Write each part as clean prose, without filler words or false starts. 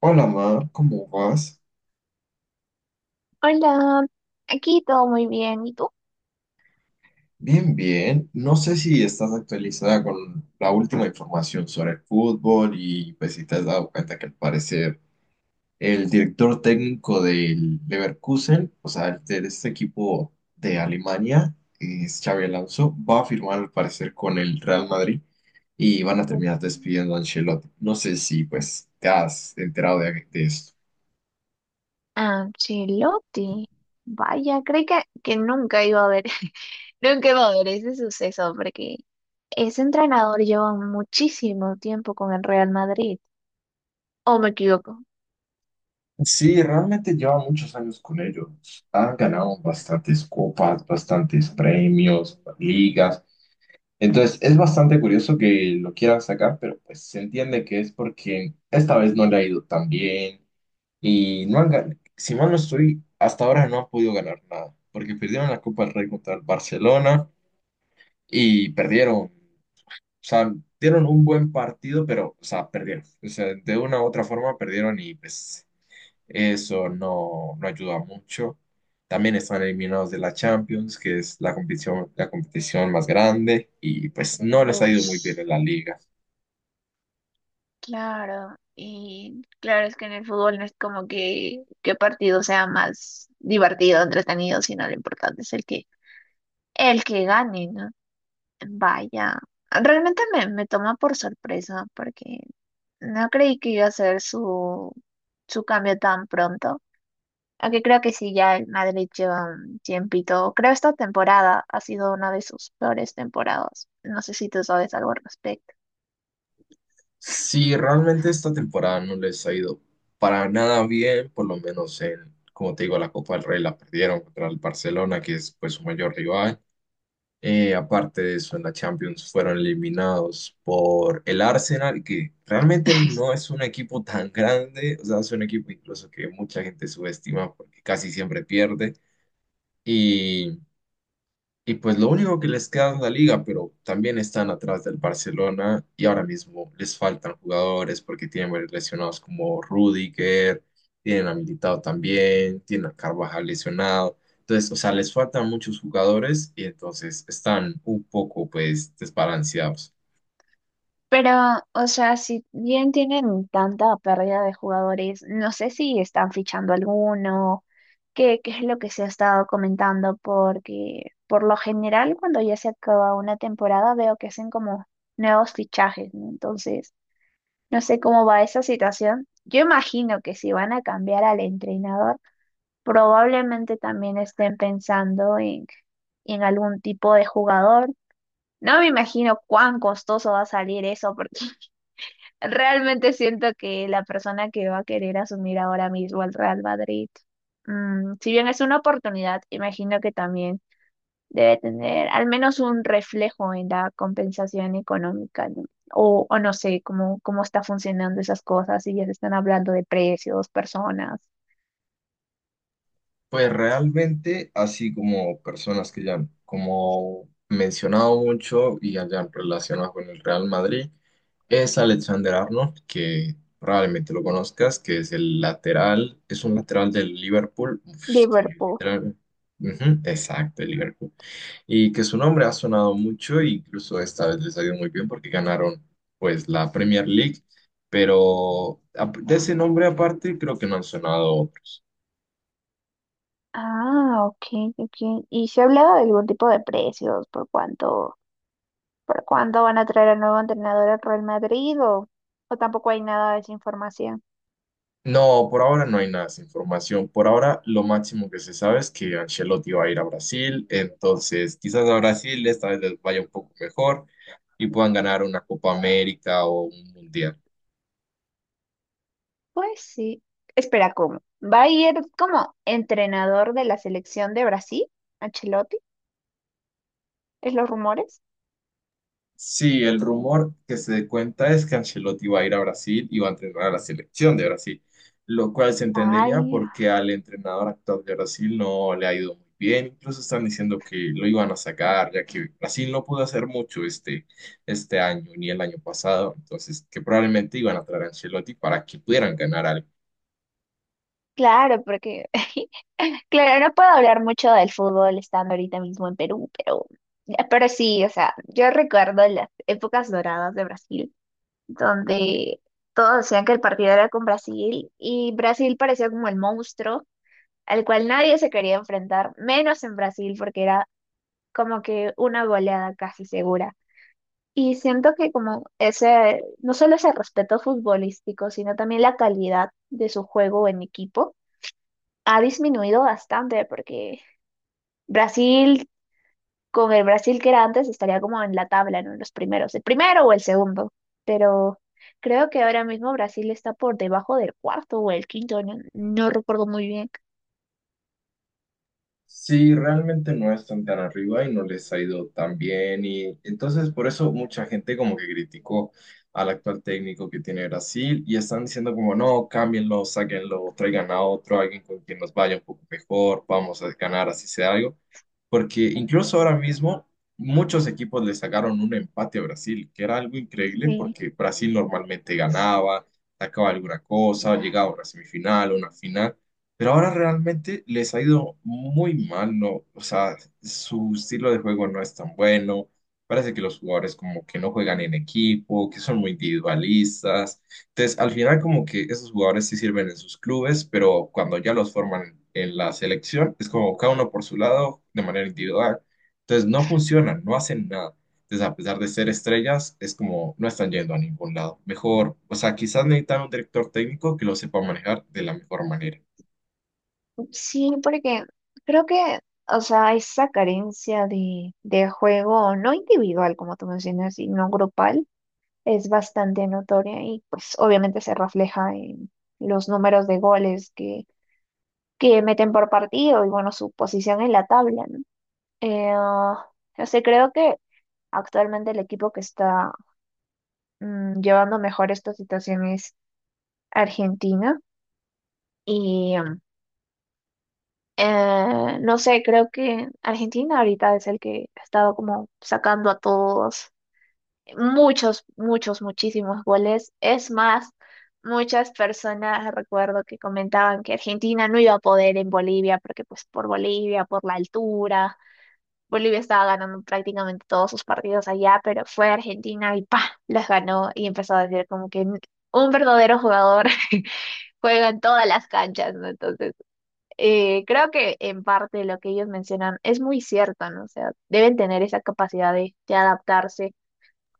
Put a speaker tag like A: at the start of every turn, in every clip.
A: Hola, Mar, ¿cómo vas?
B: Hola, aquí todo muy bien. ¿Y tú?
A: Bien, bien. No sé si estás actualizada con la última información sobre el fútbol y pues si te has dado cuenta que al parecer el director técnico del Leverkusen, o sea, el de este equipo de Alemania, es Xabi Alonso, va a firmar al parecer con el Real Madrid y van a terminar
B: Mm.
A: despidiendo a Ancelotti. No sé si pues te has enterado de esto.
B: Ancelotti. Vaya, creí que nunca iba a ver, nunca iba a ver ese suceso, porque ese entrenador lleva muchísimo tiempo con el Real Madrid. ¿O me equivoco?
A: Sí, realmente lleva muchos años con ellos. Han ganado bastantes copas, bastantes premios, ligas. Entonces, es bastante curioso que lo quieran sacar, pero pues se entiende que es porque esta vez no le ha ido tan bien y no han ganado. Si mal no estoy, hasta ahora no han podido ganar nada, porque perdieron la Copa del Rey contra el Barcelona y perdieron. O sea, dieron un buen partido, pero, o sea, perdieron. O sea, de una u otra forma perdieron y pues. Eso no, no ayuda mucho. También están eliminados de la Champions, que es la competición más grande, y pues no les ha ido muy
B: Ush,
A: bien en la liga.
B: claro, y claro es que en el fútbol no es como que qué partido sea más divertido, entretenido, sino lo importante es el que gane. Vaya, realmente me toma por sorpresa porque no creí que iba a ser su cambio tan pronto. Aunque creo que sí, ya el Madrid lleva un tiempito. Creo esta temporada ha sido una de sus peores temporadas. No sé si tú sabes algo al respecto.
A: Si realmente esta temporada no les ha ido para nada bien, por lo menos en, como te digo, la Copa del Rey la perdieron contra el Barcelona, que es pues su mayor rival. Aparte de eso, en la Champions fueron eliminados por el Arsenal, que realmente no es un equipo tan grande, o sea, es un equipo incluso que mucha gente subestima porque casi siempre pierde. Y pues lo único que les queda es la liga, pero también están atrás del Barcelona y ahora mismo les faltan jugadores porque tienen varios lesionados como Rudiger, tienen a Militao también, tienen a Carvajal lesionado. Entonces, o sea, les faltan muchos jugadores y entonces están un poco pues desbalanceados.
B: Pero, o sea, si bien tienen tanta pérdida de jugadores, no sé si están fichando alguno, qué es lo que se ha estado comentando, porque por lo general cuando ya se acaba una temporada veo que hacen como nuevos fichajes, ¿no? Entonces, no sé cómo va esa situación. Yo imagino que si van a cambiar al entrenador, probablemente también estén pensando en algún tipo de jugador. No me imagino cuán costoso va a salir eso, porque realmente siento que la persona que va a querer asumir ahora mismo el Real Madrid, si bien es una oportunidad, imagino que también debe tener al menos un reflejo en la compensación económica, ¿no? O no sé cómo está funcionando esas cosas, si ya se están hablando de precios, personas.
A: Pues realmente, así como personas que ya han como mencionado mucho y hayan relacionado con el Real Madrid, es Alexander Arnold, que probablemente lo conozcas, que es el lateral, es un lateral del Liverpool, uf, es que
B: Liverpool.
A: literal, ujú, exacto, el Liverpool, y que su nombre ha sonado mucho, e incluso esta vez les ha ido muy bien porque ganaron pues la Premier League, pero de ese nombre aparte creo que no han sonado otros.
B: Ah, ok, ok. ¿Y se ha hablado de algún tipo de precios? ¿Por por cuánto van a traer al nuevo entrenador al Real Madrid? ¿O tampoco hay nada de esa información?
A: No, por ahora no hay nada de información. Por ahora lo máximo que se sabe es que Ancelotti va a ir a Brasil, entonces quizás a Brasil esta vez les vaya un poco mejor y puedan ganar una Copa América o un Mundial.
B: Pues sí. Espera, ¿cómo? ¿Va a ir como entrenador de la selección de Brasil, Ancelotti? ¿Es los rumores?
A: Sí, el rumor que se cuenta es que Ancelotti va a ir a Brasil y va a entrenar a la selección de Brasil, lo cual se entendería
B: Ay,
A: porque al entrenador actual de Brasil no le ha ido muy bien. Incluso están diciendo que lo iban a sacar, ya que Brasil no pudo hacer mucho este año ni el año pasado, entonces que probablemente iban a traer a Ancelotti para que pudieran ganar algo.
B: claro, claro, no puedo hablar mucho del fútbol estando ahorita mismo en Perú, pero sí, o sea, yo recuerdo las épocas doradas de Brasil, donde todos decían que el partido era con Brasil y Brasil parecía como el monstruo al cual nadie se quería enfrentar, menos en Brasil, porque era como que una goleada casi segura. Y siento que como ese, no solo ese respeto futbolístico, sino también la calidad de su juego en equipo ha disminuido bastante porque Brasil, con el Brasil que era antes, estaría como en la tabla, ¿no? En los primeros, el primero o el segundo. Pero creo que ahora mismo Brasil está por debajo del cuarto o el quinto, no, no recuerdo muy bien.
A: Sí, realmente no están tan arriba y no les ha ido tan bien y entonces por eso mucha gente como que criticó al actual técnico que tiene Brasil y están diciendo como no, cámbienlo, sáquenlo, traigan a otro, alguien con quien nos vaya un poco mejor, vamos a ganar así sea algo, porque incluso ahora mismo muchos equipos le sacaron un empate a Brasil, que era algo increíble
B: Sí.
A: porque Brasil normalmente ganaba, sacaba alguna cosa, llegaba a una semifinal, una final. Pero ahora realmente les ha ido muy mal, ¿no? O sea, su estilo de juego no es tan bueno. Parece que los jugadores como que no juegan en equipo, que son muy individualistas. Entonces, al final como que esos jugadores sí sirven en sus clubes, pero cuando ya los forman en la selección, es como cada uno por su lado, de manera individual. Entonces, no funcionan, no hacen nada. Entonces, a pesar de ser estrellas, es como no están yendo a ningún lado. Mejor, o sea, quizás necesitan un director técnico que lo sepa manejar de la mejor manera.
B: Sí, porque creo que, o sea, esa carencia de juego, no individual, como tú mencionas, sino grupal es bastante notoria y pues obviamente se refleja en los números de goles que meten por partido y bueno, su posición en la tabla, ¿no? Eh, ah, o sea, creo que actualmente el equipo que está llevando mejor esta situación es Argentina y no sé, creo que Argentina ahorita es el que ha estado como sacando a todos muchos, muchos, muchísimos goles. Es más, muchas personas recuerdo que comentaban que Argentina no iba a poder en Bolivia, porque pues por Bolivia, por la altura, Bolivia estaba ganando prácticamente todos sus partidos allá, pero fue Argentina y ¡pa! Las ganó y empezó a decir como que un verdadero jugador juega en todas las canchas, ¿no? Entonces... creo que en parte lo que ellos mencionan es muy cierto, ¿no? O sea, deben tener esa capacidad de adaptarse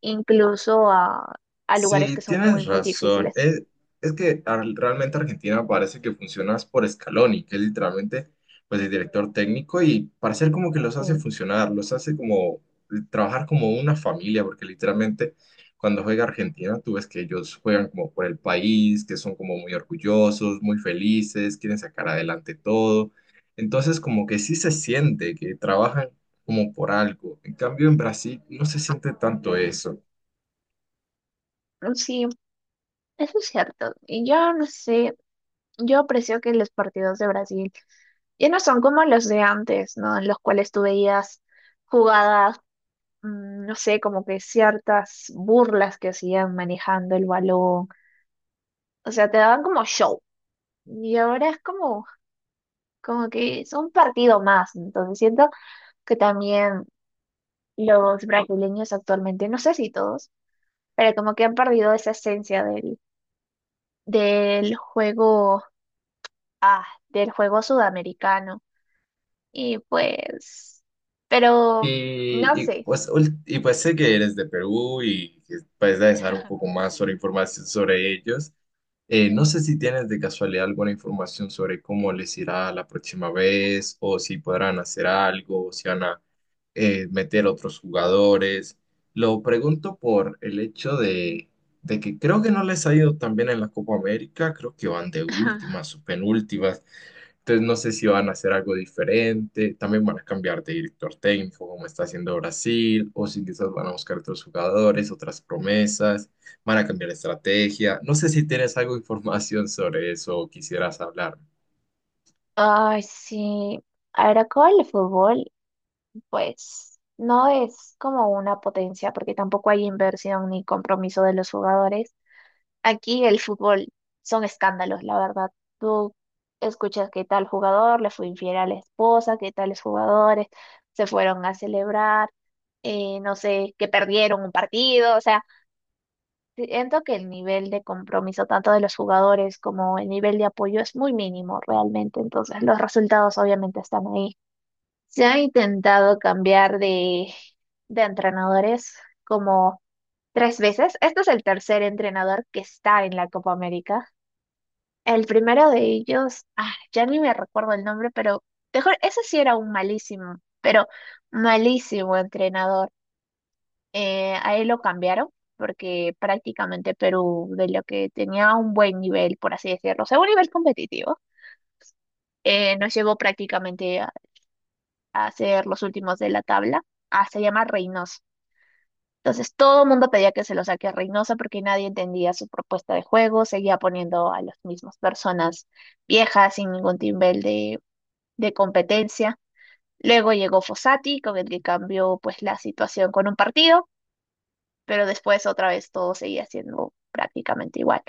B: incluso a lugares
A: Sí,
B: que son muy,
A: tienes
B: muy
A: razón.
B: difíciles.
A: Es que realmente Argentina parece que funciona es por Scaloni, que es literalmente pues, el director técnico y parece como que los
B: Sí,
A: hace funcionar, los hace como trabajar como una familia, porque literalmente cuando juega Argentina tú ves que ellos juegan como por el país, que son como muy orgullosos, muy felices, quieren sacar adelante todo. Entonces como que sí se siente que trabajan como por algo. En cambio en Brasil no se siente tanto eso.
B: sí, eso es cierto. Y yo no sé, yo aprecio que los partidos de Brasil ya no son como los de antes, ¿no? En los cuales tú veías jugadas, no sé, como que ciertas burlas que hacían manejando el balón. O sea, te daban como show. Y ahora es como que es un partido más. Entonces siento que también los brasileños actualmente, no sé si todos, pero como que han perdido esa esencia del juego, del juego sudamericano. Y pues, pero no sé.
A: Y pues sé que eres de Perú y que puedes dar un poco más sobre información sobre ellos. No sé si tienes de casualidad alguna información sobre cómo les irá la próxima vez o si podrán hacer algo, o si van a meter otros jugadores. Lo pregunto por el hecho de que creo que no les ha ido tan bien en la Copa América, creo que van de últimas o penúltimas. Entonces no sé si van a hacer algo diferente, también van a cambiar de director técnico como está haciendo Brasil, o si quizás van a buscar otros jugadores, otras promesas, van a cambiar de estrategia. No sé si tienes algo de información sobre eso o quisieras hablar.
B: Ay, sí. Ahora con el fútbol, pues no es como una potencia porque tampoco hay inversión ni compromiso de los jugadores. Aquí el fútbol son escándalos, la verdad. Tú escuchas que tal jugador le fue infiel a la esposa, que tales jugadores se fueron a celebrar, no sé, que perdieron un partido. O sea, siento que el nivel de compromiso tanto de los jugadores como el nivel de apoyo es muy mínimo realmente. Entonces, los resultados obviamente están ahí. Se ha intentado cambiar de entrenadores como tres veces. Este es el tercer entrenador que está en la Copa América. El primero de ellos, ya ni me recuerdo el nombre, pero mejor, ese sí era un malísimo, pero malísimo entrenador. A él lo cambiaron porque prácticamente Perú, de lo que tenía un buen nivel, por así decirlo, o sea, un nivel competitivo, nos llevó prácticamente a ser los últimos de la tabla, ah, se llama Reynoso. Entonces todo el mundo pedía que se lo saque a Reynoso porque nadie entendía su propuesta de juego, seguía poniendo a las mismas personas viejas sin ningún nivel de competencia. Luego llegó Fossati, con el que cambió pues la situación con un partido, pero después otra vez todo seguía siendo prácticamente igual.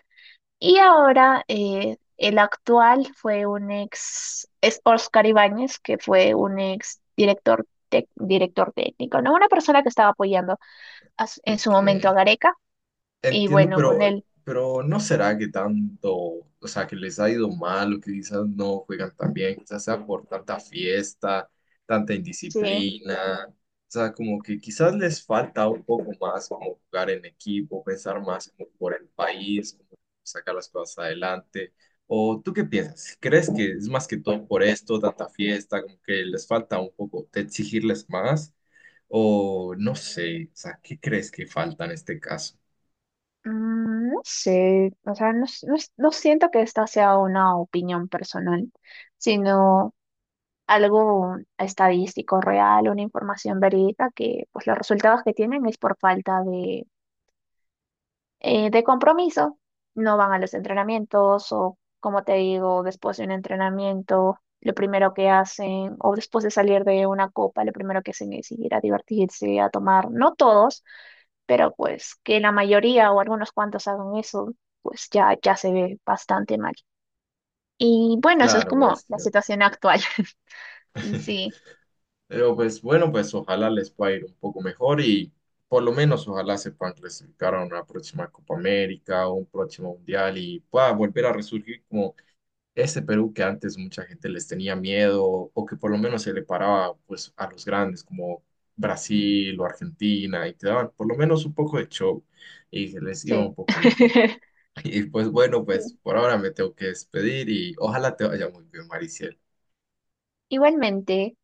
B: Y ahora el actual fue un ex, es Óscar Ibáñez, que fue un ex director, director técnico, ¿no? Una persona que estaba apoyando en su momento a
A: Ok.
B: Gareca, y
A: Entiendo,
B: bueno, con él.
A: pero ¿no será que tanto, o sea, que les ha ido mal o que quizás no juegan tan bien? Quizás sea por tanta fiesta, tanta
B: Sí.
A: indisciplina. O sea, como que quizás les falta un poco más como jugar en equipo, pensar más como por el país, como sacar las cosas adelante. ¿O tú qué piensas? ¿Crees que es más que todo por esto, tanta fiesta, como que les falta un poco de exigirles más? ¿O no sé? O sea, ¿qué crees que falta en este caso?
B: Mm, no sé, o sea, no, no siento que esta sea una opinión personal, sino algo estadístico real, una información verídica que pues los resultados que tienen es por falta de compromiso, no van a los entrenamientos o como te digo, después de un entrenamiento, lo primero que hacen o después de salir de una copa, lo primero que hacen es ir a divertirse, a tomar, no todos, pero pues que la mayoría o algunos cuantos hagan eso, pues ya, ya se ve bastante mal. Y bueno, eso es
A: Claro,
B: como
A: es
B: la
A: cierto.
B: situación actual. Sí,
A: Pero pues bueno, pues ojalá les pueda ir un poco mejor y por lo menos ojalá se puedan clasificar a una próxima Copa América o un próximo Mundial y pueda volver a resurgir como ese Perú que antes mucha gente les tenía miedo o que por lo menos se le paraba pues a los grandes como Brasil o Argentina y te daban por lo menos un poco de show y se les iba
B: sí.
A: un poco mejor. Y pues bueno,
B: Sí,
A: pues por ahora me tengo que despedir y ojalá te vaya muy bien, Mariciel.
B: igualmente.